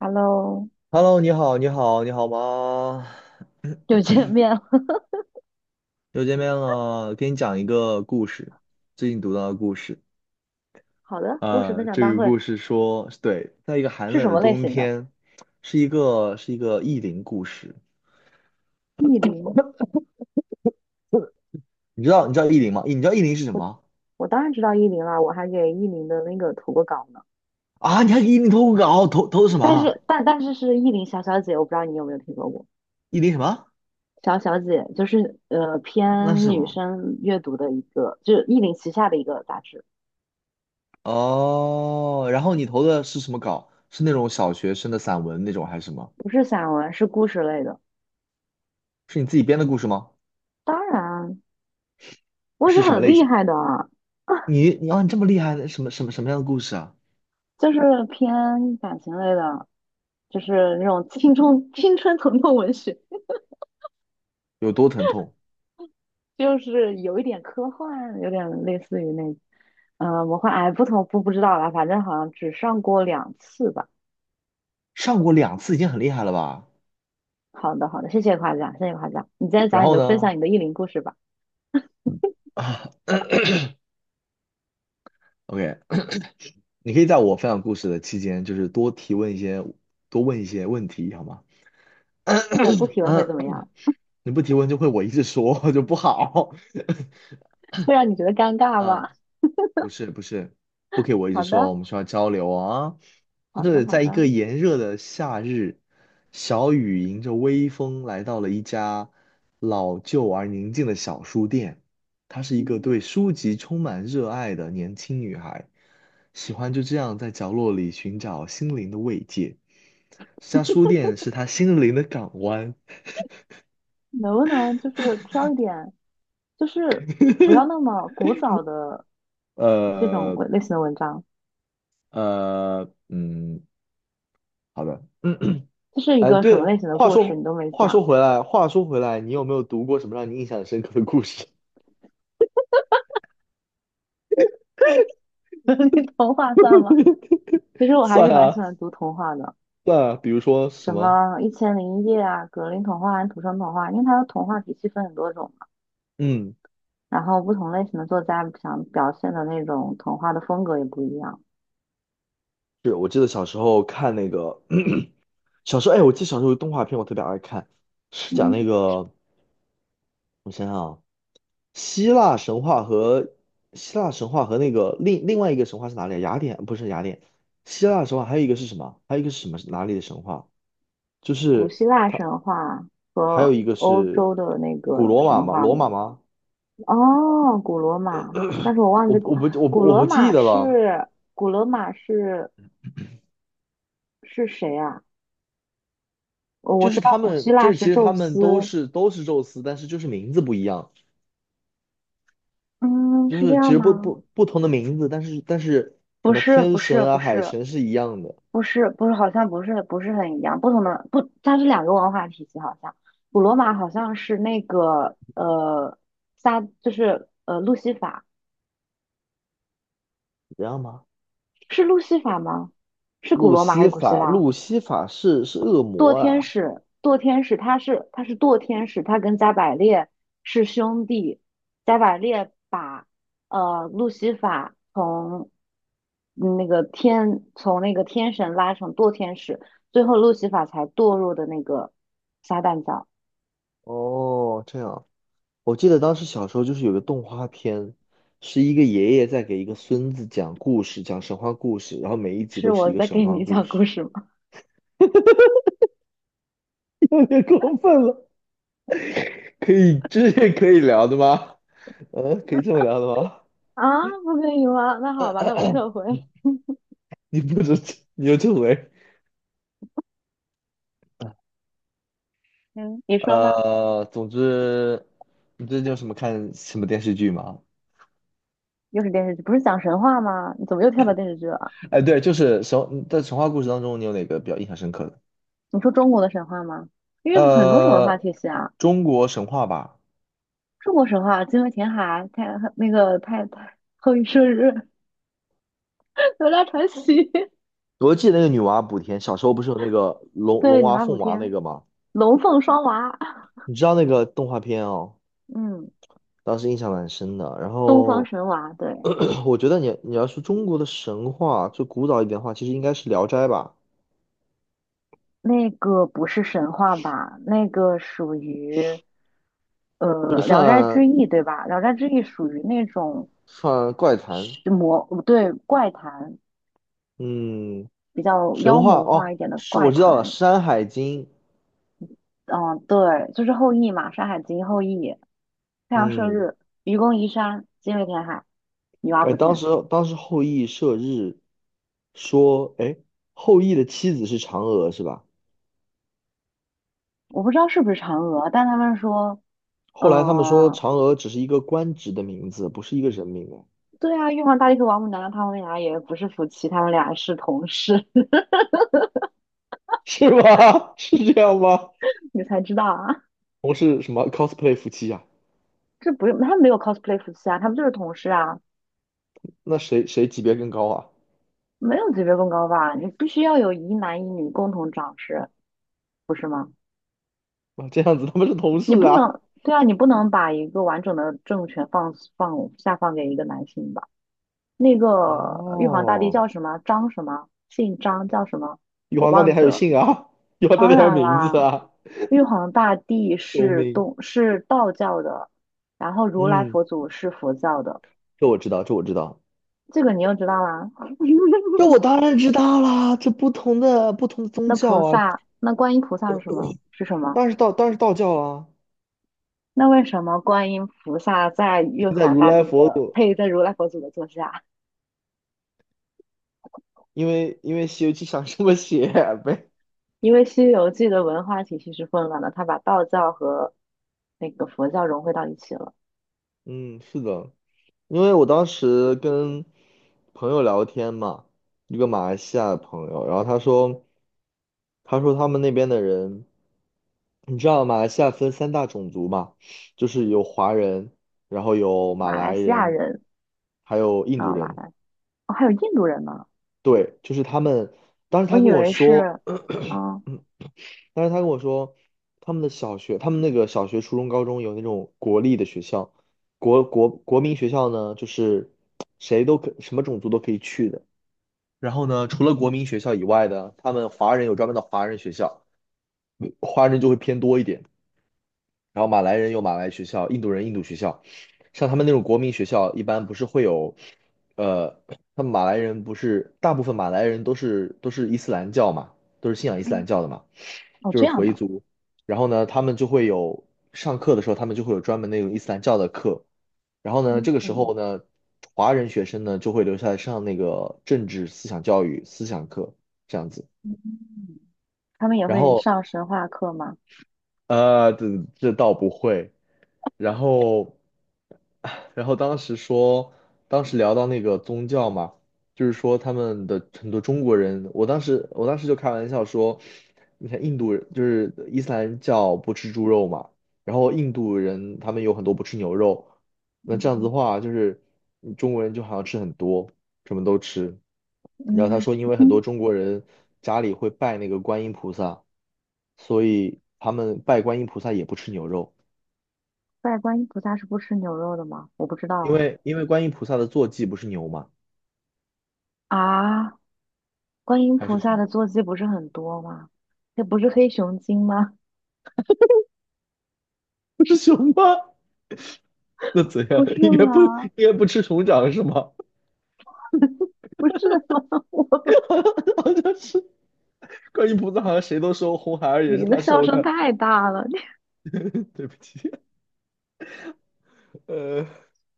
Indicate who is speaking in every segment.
Speaker 1: Hello，
Speaker 2: Hello，你好，你好，你好吗？
Speaker 1: 又见面了。
Speaker 2: 又见面了，给你讲一个故事，最近读到的故事。
Speaker 1: 好的，故事分
Speaker 2: 啊。
Speaker 1: 享
Speaker 2: 这
Speaker 1: 大
Speaker 2: 个故
Speaker 1: 会
Speaker 2: 事说，对，在一个寒
Speaker 1: 是什
Speaker 2: 冷的
Speaker 1: 么类
Speaker 2: 冬
Speaker 1: 型的？
Speaker 2: 天，是一个意林故事。
Speaker 1: 意林，
Speaker 2: 你知道意林吗？你知道意林是什
Speaker 1: 我
Speaker 2: 么
Speaker 1: 我当然知道意林了，我还给意林的那个投过稿呢。
Speaker 2: 啊？你还给意林投稿，投的什么
Speaker 1: 但
Speaker 2: 啊？
Speaker 1: 是但但是是意林小小姐，我不知道你有没有听说过。
Speaker 2: 意林什么？
Speaker 1: 小小姐就是
Speaker 2: 那是
Speaker 1: 偏
Speaker 2: 什
Speaker 1: 女
Speaker 2: 么？
Speaker 1: 生阅读的一个，就是意林旗下的一个杂志，
Speaker 2: 哦，然后你投的是什么稿？是那种小学生的散文那种还是什么？
Speaker 1: 不是散文，是故事类的。
Speaker 2: 是你自己编的故事吗？
Speaker 1: 当然，我是
Speaker 2: 是什么
Speaker 1: 很
Speaker 2: 类
Speaker 1: 厉
Speaker 2: 型？
Speaker 1: 害的啊。啊
Speaker 2: 你啊，你这么厉害，什么样的故事啊？
Speaker 1: 就是偏感情类的，就是那种青春疼痛文学。
Speaker 2: 有多疼痛？
Speaker 1: 就是有一点科幻，有点类似于那，魔幻，哎，不同不不知道啦，反正好像只上过2次吧。
Speaker 2: 上过2次已经很厉害了吧？
Speaker 1: 好的，好的，谢谢夸奖，谢谢夸奖。你再
Speaker 2: 然
Speaker 1: 讲你
Speaker 2: 后
Speaker 1: 的分
Speaker 2: 呢？
Speaker 1: 享你的意林故事吧。
Speaker 2: 啊，OK,你可以在我分享故事的期间，就是多提问一些，多问一些问题，好吗？
Speaker 1: 那我不提问会怎
Speaker 2: 嗯，
Speaker 1: 么样？
Speaker 2: 你不提问就会我一直说 就不好。
Speaker 1: 会让你觉得尴尬
Speaker 2: 嗯，
Speaker 1: 吗？
Speaker 2: 不是不是，不可以我一直
Speaker 1: 好
Speaker 2: 说，我
Speaker 1: 的，
Speaker 2: 们需要交流啊。就
Speaker 1: 好的，
Speaker 2: 是
Speaker 1: 好
Speaker 2: 在一个
Speaker 1: 的。
Speaker 2: 炎热的夏日，小雨迎着微风来到了一家老旧而宁静的小书店。她是一个对书籍充满热爱的年轻女孩，喜欢就这样在角落里寻找心灵的慰藉。这家书店是她心灵的港湾。
Speaker 1: 能不能就是挑一点，就是不要那么古早的这种
Speaker 2: 呃
Speaker 1: 文类型的文章？
Speaker 2: 嗯，好的。
Speaker 1: 这是一
Speaker 2: 哎，
Speaker 1: 个什
Speaker 2: 对，
Speaker 1: 么类型的
Speaker 2: 话
Speaker 1: 故事？
Speaker 2: 说
Speaker 1: 你都没
Speaker 2: 话
Speaker 1: 讲。
Speaker 2: 说回来，话说回来，你有没有读过什么让你印象深刻的故事？
Speaker 1: 你童话算吗？其实 我还是
Speaker 2: 算
Speaker 1: 蛮喜
Speaker 2: 啊，
Speaker 1: 欢读童话的。
Speaker 2: 算啊，比如说什
Speaker 1: 什
Speaker 2: 么？
Speaker 1: 么《一千零一夜》啊、《格林童话》和《土生童话》，因为它的童话体系分很多种嘛，
Speaker 2: 嗯，
Speaker 1: 然后不同类型的作家想表现的那种童话的风格也不一样。
Speaker 2: 是我记得小时候看那个，小时候，哎，我记得小时候有动画片，我特别爱看，是讲
Speaker 1: 嗯，
Speaker 2: 那个，我想想啊，希腊神话和希腊神话和那个另外一个神话是哪里啊？雅典不是雅典，希腊神话还有一个是什么？还有一个是什么？哪里的神话？就
Speaker 1: 古
Speaker 2: 是
Speaker 1: 希腊
Speaker 2: 它。
Speaker 1: 神话
Speaker 2: 还有
Speaker 1: 和
Speaker 2: 一个
Speaker 1: 欧
Speaker 2: 是
Speaker 1: 洲的那
Speaker 2: 古
Speaker 1: 个
Speaker 2: 罗马
Speaker 1: 神
Speaker 2: 吗？
Speaker 1: 话
Speaker 2: 罗
Speaker 1: 嘛。
Speaker 2: 马吗？
Speaker 1: 哦，古罗马，但是我忘记
Speaker 2: 我
Speaker 1: 古
Speaker 2: 我不我
Speaker 1: 古
Speaker 2: 不我不
Speaker 1: 罗
Speaker 2: 记
Speaker 1: 马
Speaker 2: 得了。
Speaker 1: 是古罗马是谁啊？哦我
Speaker 2: 就
Speaker 1: 知
Speaker 2: 是
Speaker 1: 道
Speaker 2: 他
Speaker 1: 古希
Speaker 2: 们，就
Speaker 1: 腊
Speaker 2: 是其
Speaker 1: 是
Speaker 2: 实
Speaker 1: 宙
Speaker 2: 他们都
Speaker 1: 斯。
Speaker 2: 是都是宙斯，但是就是名字不一样，
Speaker 1: 嗯，
Speaker 2: 就
Speaker 1: 是这
Speaker 2: 是其
Speaker 1: 样
Speaker 2: 实不
Speaker 1: 吗？
Speaker 2: 不不同的名字，但是什
Speaker 1: 不
Speaker 2: 么
Speaker 1: 是，
Speaker 2: 天
Speaker 1: 不是，
Speaker 2: 神
Speaker 1: 不
Speaker 2: 啊海
Speaker 1: 是，
Speaker 2: 神是一样的，
Speaker 1: 不是不是，好像不是不是很一样，不同的不，它是两个文化体系，好像古罗马好像是那个撒就是路西法
Speaker 2: 一样吗？
Speaker 1: 是路西法吗？是古
Speaker 2: 路
Speaker 1: 罗马还是
Speaker 2: 西
Speaker 1: 古希
Speaker 2: 法，
Speaker 1: 腊？
Speaker 2: 路西法是恶
Speaker 1: 堕
Speaker 2: 魔
Speaker 1: 天
Speaker 2: 啊。
Speaker 1: 使堕天使他是堕天使，他跟加百列是兄弟，加百列把路西法从那个天从那个天神拉成堕天使，最后路西法才堕入的那个撒旦教。
Speaker 2: 哦，这样，我记得当时小时候就是有个动画片，是一个爷爷在给一个孙子讲故事，讲神话故事，然后每一集
Speaker 1: 是
Speaker 2: 都是
Speaker 1: 我
Speaker 2: 一个
Speaker 1: 在
Speaker 2: 神
Speaker 1: 给
Speaker 2: 话
Speaker 1: 你
Speaker 2: 故
Speaker 1: 讲故
Speaker 2: 事。
Speaker 1: 事吗？
Speaker 2: 有点过分了，可以，这是可以聊的吗？嗯，可以这么聊的吗？
Speaker 1: 啊，不可以吗？那好吧，那我撤 回。
Speaker 2: 你不止，你又这回，
Speaker 1: 嗯，你说吧。
Speaker 2: 总之，你最近有什么看什么电视剧吗？
Speaker 1: 又是电视剧，不是讲神话吗？你怎么又跳到电视剧了？
Speaker 2: 哎，对，就是神在神话故事当中，你有哪个比较印象深刻的？
Speaker 1: 你说中国的神话吗？因为不很多种文化
Speaker 2: 呃，
Speaker 1: 体系啊，
Speaker 2: 中国神话吧，
Speaker 1: 中国神话，精卫填海，太那个太太后羿射日。哪吒传奇。
Speaker 2: 我记得那个女娲补天，小时候不是有那个 龙
Speaker 1: 对，女
Speaker 2: 娃
Speaker 1: 娲补
Speaker 2: 凤娃那
Speaker 1: 天，
Speaker 2: 个吗？
Speaker 1: 龙凤双娃。
Speaker 2: 你知道那个动画片哦，
Speaker 1: 嗯，
Speaker 2: 当时印象蛮深的。然
Speaker 1: 东方
Speaker 2: 后
Speaker 1: 神娃，对，
Speaker 2: 我觉得你要说中国的神话，就古早一点的话，其实应该是《聊斋》吧，
Speaker 1: 那个不是神话吧？那个属于呃
Speaker 2: 这
Speaker 1: 《聊斋
Speaker 2: 算
Speaker 1: 志异》对吧？《聊斋志异》属于那种
Speaker 2: 算怪谈。
Speaker 1: 是魔，对，怪谈，
Speaker 2: 嗯，
Speaker 1: 比较妖
Speaker 2: 神话
Speaker 1: 魔化
Speaker 2: 哦，
Speaker 1: 一点的
Speaker 2: 是我
Speaker 1: 怪
Speaker 2: 知道了，
Speaker 1: 谈。
Speaker 2: 《山海经》。
Speaker 1: 嗯，对，就是后羿嘛，《山海经》后羿，太阳射
Speaker 2: 嗯，
Speaker 1: 日，愚公移山，精卫填海，女娲
Speaker 2: 哎，
Speaker 1: 补
Speaker 2: 当
Speaker 1: 天。
Speaker 2: 时当时后羿射日，说，哎，后羿的妻子是嫦娥是吧？
Speaker 1: 我不知道是不是嫦娥，但他们说，
Speaker 2: 后来他们说
Speaker 1: 呃，
Speaker 2: 嫦娥只是一个官职的名字，不是一个人名啊，
Speaker 1: 对啊，玉皇大帝和王母娘娘他们俩也不是夫妻，他们俩是同事。
Speaker 2: 是吗？是这样吗？
Speaker 1: 你才知道啊。
Speaker 2: 同是什么 cosplay 夫妻啊？
Speaker 1: 这不用，他们没有 cosplay 夫妻啊，他们就是同事啊。
Speaker 2: 那谁级别更高啊？
Speaker 1: 没有级别更高吧？你必须要有一男一女共同掌事，不是吗？
Speaker 2: 啊，这样子他们是同
Speaker 1: 你
Speaker 2: 事
Speaker 1: 不
Speaker 2: 啊。
Speaker 1: 能，对啊，你不能把一个完整的政权下放给一个男性吧？那个玉皇大帝
Speaker 2: 哦，
Speaker 1: 叫什么？张什么？姓张叫什么？
Speaker 2: 玉
Speaker 1: 我
Speaker 2: 皇大帝
Speaker 1: 忘
Speaker 2: 还
Speaker 1: 记
Speaker 2: 有
Speaker 1: 了。
Speaker 2: 姓啊，玉皇大
Speaker 1: 当
Speaker 2: 帝还有
Speaker 1: 然
Speaker 2: 名字
Speaker 1: 啦，
Speaker 2: 啊，
Speaker 1: 玉皇大帝
Speaker 2: 救
Speaker 1: 是
Speaker 2: 命！
Speaker 1: 东是道教的，然后如来
Speaker 2: 嗯，
Speaker 1: 佛祖是佛教的。
Speaker 2: 这我知道，这我知道，
Speaker 1: 这个你又知道啦？
Speaker 2: 这我当然知道啦。这不同的宗
Speaker 1: 那
Speaker 2: 教
Speaker 1: 菩
Speaker 2: 啊，
Speaker 1: 萨，那观音菩萨是什么？是什么？
Speaker 2: 当然是道教啊。
Speaker 1: 那为什么观音菩萨在玉
Speaker 2: 现在
Speaker 1: 皇
Speaker 2: 如
Speaker 1: 大
Speaker 2: 来
Speaker 1: 帝
Speaker 2: 佛
Speaker 1: 的
Speaker 2: 祖，
Speaker 1: 配在如来佛祖的座下？
Speaker 2: 因为《西游记》想这么写呗。
Speaker 1: 因为《西游记》的文化体系是混乱的，他把道教和那个佛教融汇到一起了。
Speaker 2: 嗯，是的，因为我当时跟朋友聊天嘛，一个马来西亚的朋友，然后他说，他们那边的人，你知道马来西亚分三大种族嘛，就是有华人，然后有马
Speaker 1: 马来
Speaker 2: 来
Speaker 1: 西亚
Speaker 2: 人，
Speaker 1: 人
Speaker 2: 还有印度
Speaker 1: 啊、马
Speaker 2: 人。
Speaker 1: 来哦，还有印度人呢。
Speaker 2: 对，就是他们。当时
Speaker 1: 我
Speaker 2: 他
Speaker 1: 以
Speaker 2: 跟我
Speaker 1: 为
Speaker 2: 说，
Speaker 1: 是，啊，
Speaker 2: 但是他跟我说，他们的小学，他们那个小学、初中、高中有那种国立的学校，国民学校呢，就是谁都可，什么种族都可以去的。然后呢，除了国民学校以外的，他们华人有专门的华人学校，嗯华人就会偏多一点。然后马来人有马来学校，印度人印度学校。像他们那种国民学校，一般不是会有，呃，他们马来人不是大部分马来人都是伊斯兰教嘛，都是信仰伊斯兰
Speaker 1: 嗯，
Speaker 2: 教的嘛。
Speaker 1: 哦，
Speaker 2: 就是
Speaker 1: 这样
Speaker 2: 回
Speaker 1: 的，
Speaker 2: 族。然后呢，他们就会有上课的时候，他们就会有专门那种伊斯兰教的课。然后呢，
Speaker 1: 嗯
Speaker 2: 这个时
Speaker 1: 嗯，
Speaker 2: 候呢，华人学生呢就会留下来上那个政治思想教育思想课这样子。
Speaker 1: 嗯他们也
Speaker 2: 然
Speaker 1: 会
Speaker 2: 后
Speaker 1: 上神话课吗？
Speaker 2: 呃，这这倒不会，然后，然后当时聊到那个宗教嘛，就是说他们的很多中国人，我当时就开玩笑说，你看印度人就是伊斯兰教不吃猪肉嘛，然后印度人他们有很多不吃牛肉，那这样子的
Speaker 1: 嗯
Speaker 2: 话就是中国人就好像吃很多，什么都吃。然
Speaker 1: 嗯
Speaker 2: 后他说，因为很多
Speaker 1: 嗯，
Speaker 2: 中国人家里会拜那个观音菩萨，所以他们拜观音菩萨也不吃牛肉。
Speaker 1: 拜观音菩萨是不吃牛肉的吗？我不知道
Speaker 2: 因
Speaker 1: 哎。
Speaker 2: 为因为观音菩萨的坐骑不是牛吗？
Speaker 1: 啊，观音
Speaker 2: 还是
Speaker 1: 菩
Speaker 2: 什
Speaker 1: 萨
Speaker 2: 么？
Speaker 1: 的坐骑不是很多吗？那不是黑熊精吗？
Speaker 2: 不是熊吗？那怎样？
Speaker 1: 不 是
Speaker 2: 应该不
Speaker 1: 吗？
Speaker 2: 应该不吃熊掌是吗？
Speaker 1: 不是吗？我
Speaker 2: 好像是观音菩萨，好像谁都收，红孩儿也是
Speaker 1: 你的
Speaker 2: 他
Speaker 1: 笑
Speaker 2: 收
Speaker 1: 声
Speaker 2: 的。
Speaker 1: 太大了。
Speaker 2: 对不起，呃，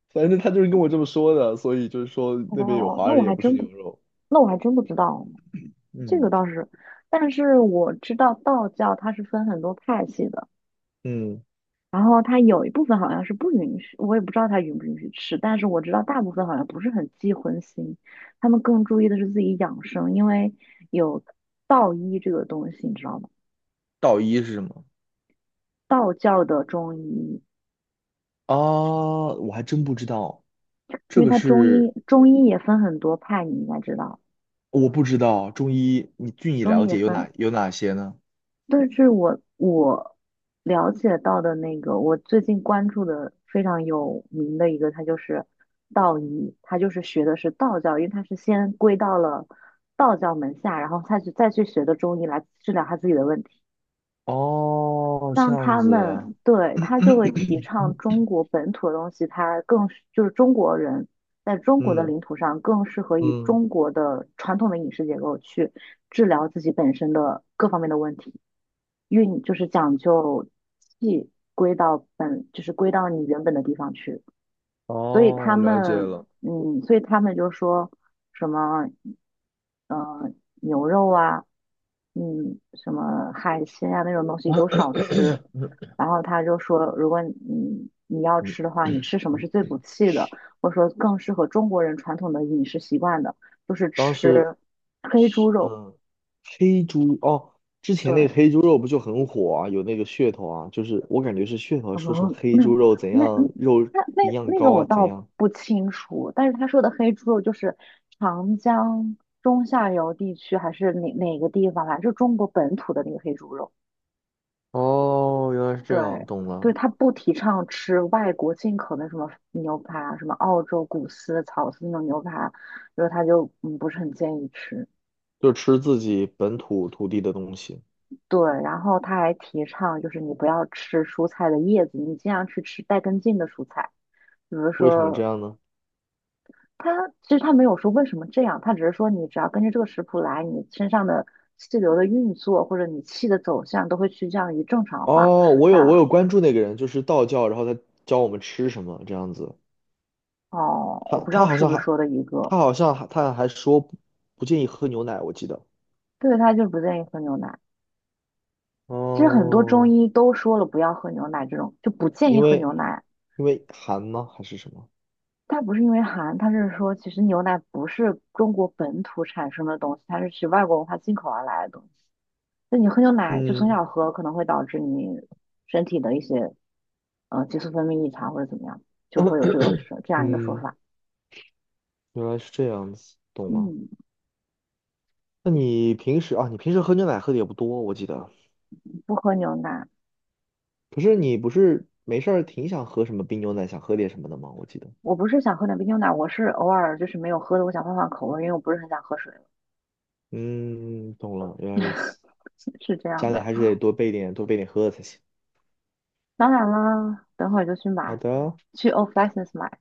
Speaker 2: 反正他就是跟我这么说的，所以就是说 那边有
Speaker 1: 哦，
Speaker 2: 华
Speaker 1: 那我
Speaker 2: 人也
Speaker 1: 还
Speaker 2: 不吃
Speaker 1: 真
Speaker 2: 牛
Speaker 1: 不，
Speaker 2: 肉。
Speaker 1: 那我还真不知道，这个
Speaker 2: 嗯
Speaker 1: 倒是，但是我知道道教它是分很多派系的，
Speaker 2: 嗯，
Speaker 1: 然后它有一部分好像是不允许，我也不知道它允不允许吃，但是我知道大部分好像不是很忌荤腥，他们更注意的是自己养生，因为有道医这个东西，你知道吗？
Speaker 2: 道医是什么？
Speaker 1: 道教的中医。
Speaker 2: 啊，我还真不知道，这
Speaker 1: 因为
Speaker 2: 个
Speaker 1: 它中
Speaker 2: 是
Speaker 1: 医中医也分很多派，你应该知道，
Speaker 2: 我不知道。中医你据你
Speaker 1: 中医
Speaker 2: 了
Speaker 1: 也
Speaker 2: 解有
Speaker 1: 分。
Speaker 2: 哪有哪些呢？
Speaker 1: 但是我了解到的那个，我最近关注的非常有名的一个，它就是道医，它就是学的是道教，因为它是先归到了道教门下，然后他去再去学的中医来治疗他自己的问题。
Speaker 2: 哦，这
Speaker 1: 让
Speaker 2: 样
Speaker 1: 他
Speaker 2: 子啊，
Speaker 1: 们对 他就会提倡中国本土的东西，他更是就是中国人在中国的
Speaker 2: 嗯
Speaker 1: 领土上更适合以
Speaker 2: 嗯
Speaker 1: 中国的传统的饮食结构去治疗自己本身的各方面的问题，运就是讲究气归到本，就是归到你原本的地方去。所以他
Speaker 2: 哦，了解
Speaker 1: 们，
Speaker 2: 了。
Speaker 1: 嗯，所以他们就说什么，呃，牛肉啊，嗯，什么海鲜啊那种东西都少吃。然后他就说，如果你要
Speaker 2: 嗯，
Speaker 1: 吃的话，你吃什么是最补气的，或者说更适合中国人传统的饮食习惯的，就是
Speaker 2: 当时
Speaker 1: 吃黑猪肉。
Speaker 2: 嗯，黑猪哦，之前那个
Speaker 1: 对，
Speaker 2: 黑猪肉不就很火啊，有那个噱头啊，就是我感觉是噱头，说什么
Speaker 1: 哦，
Speaker 2: 黑
Speaker 1: 那
Speaker 2: 猪肉怎
Speaker 1: 那
Speaker 2: 样，肉营养
Speaker 1: 那个
Speaker 2: 高
Speaker 1: 我
Speaker 2: 啊，怎
Speaker 1: 倒
Speaker 2: 样。
Speaker 1: 不清楚，但是他说的黑猪肉就是长江中下游地区还是哪个地方来，就中国本土的那个黑猪肉。
Speaker 2: 哦，原来是这样，
Speaker 1: 对
Speaker 2: 懂
Speaker 1: 对，
Speaker 2: 了，
Speaker 1: 他不提倡吃外国进口的什么牛排啊，什么澳洲谷饲、草饲那种牛排，就是他就不是很建议吃。
Speaker 2: 就吃自己本土土地的东西。
Speaker 1: 对，然后他还提倡就是你不要吃蔬菜的叶子，你尽量去吃带根茎的蔬菜。比如
Speaker 2: 为什么这
Speaker 1: 说
Speaker 2: 样呢？
Speaker 1: 他其实他没有说为什么这样，他只是说你只要根据这个食谱来，你身上的气流的运作或者你气的走向都会趋向于正常化。
Speaker 2: 哦，我有我
Speaker 1: 啊，
Speaker 2: 有关注那个人，就是道教，然后他教我们吃什么这样子。
Speaker 1: 哦，
Speaker 2: 他
Speaker 1: 我不知道
Speaker 2: 他好
Speaker 1: 是
Speaker 2: 像
Speaker 1: 不是
Speaker 2: 还
Speaker 1: 说的一个，
Speaker 2: 他还说不建议喝牛奶，我记得。
Speaker 1: 对，他就是不建议喝牛奶。其实很多中
Speaker 2: 哦，
Speaker 1: 医都说了不要喝牛奶，这种就不建
Speaker 2: 因
Speaker 1: 议喝
Speaker 2: 为
Speaker 1: 牛奶。
Speaker 2: 因为寒吗？还是什么？
Speaker 1: 它不是因为寒，他是说其实牛奶不是中国本土产生的东西，它是其外国文化进口而来的东西。那你喝牛奶就从
Speaker 2: 嗯
Speaker 1: 小喝，可能会导致你身体的一些激素分泌异常或者怎么样，就会有这个是这样一个说
Speaker 2: 嗯，
Speaker 1: 法。
Speaker 2: 原来是这样子，懂了。
Speaker 1: 嗯，
Speaker 2: 那你平时啊，你平时喝牛奶喝的也不多，我记得。
Speaker 1: 不喝牛奶，
Speaker 2: 可是你不是没事儿挺想喝什么冰牛奶，想喝点什么的吗？我记得。
Speaker 1: 我不是想喝奶杯牛奶，我是偶尔就是没有喝的，我想换换口味，因为我不是很想喝水了，
Speaker 2: 嗯，懂了，原来如此。
Speaker 1: 是这样
Speaker 2: 家里
Speaker 1: 的。
Speaker 2: 还是得多备点，多备点喝的才行。
Speaker 1: 当然啦，等会儿就去
Speaker 2: 好
Speaker 1: 买，
Speaker 2: 的，
Speaker 1: 去 Off License 买。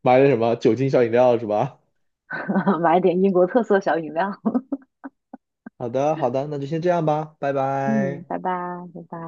Speaker 2: 买点什么酒精小饮料是吧？
Speaker 1: 买点英国特色小饮料。
Speaker 2: 好的，好的，那就先这样吧，拜
Speaker 1: 嗯，
Speaker 2: 拜。
Speaker 1: 拜拜，拜拜。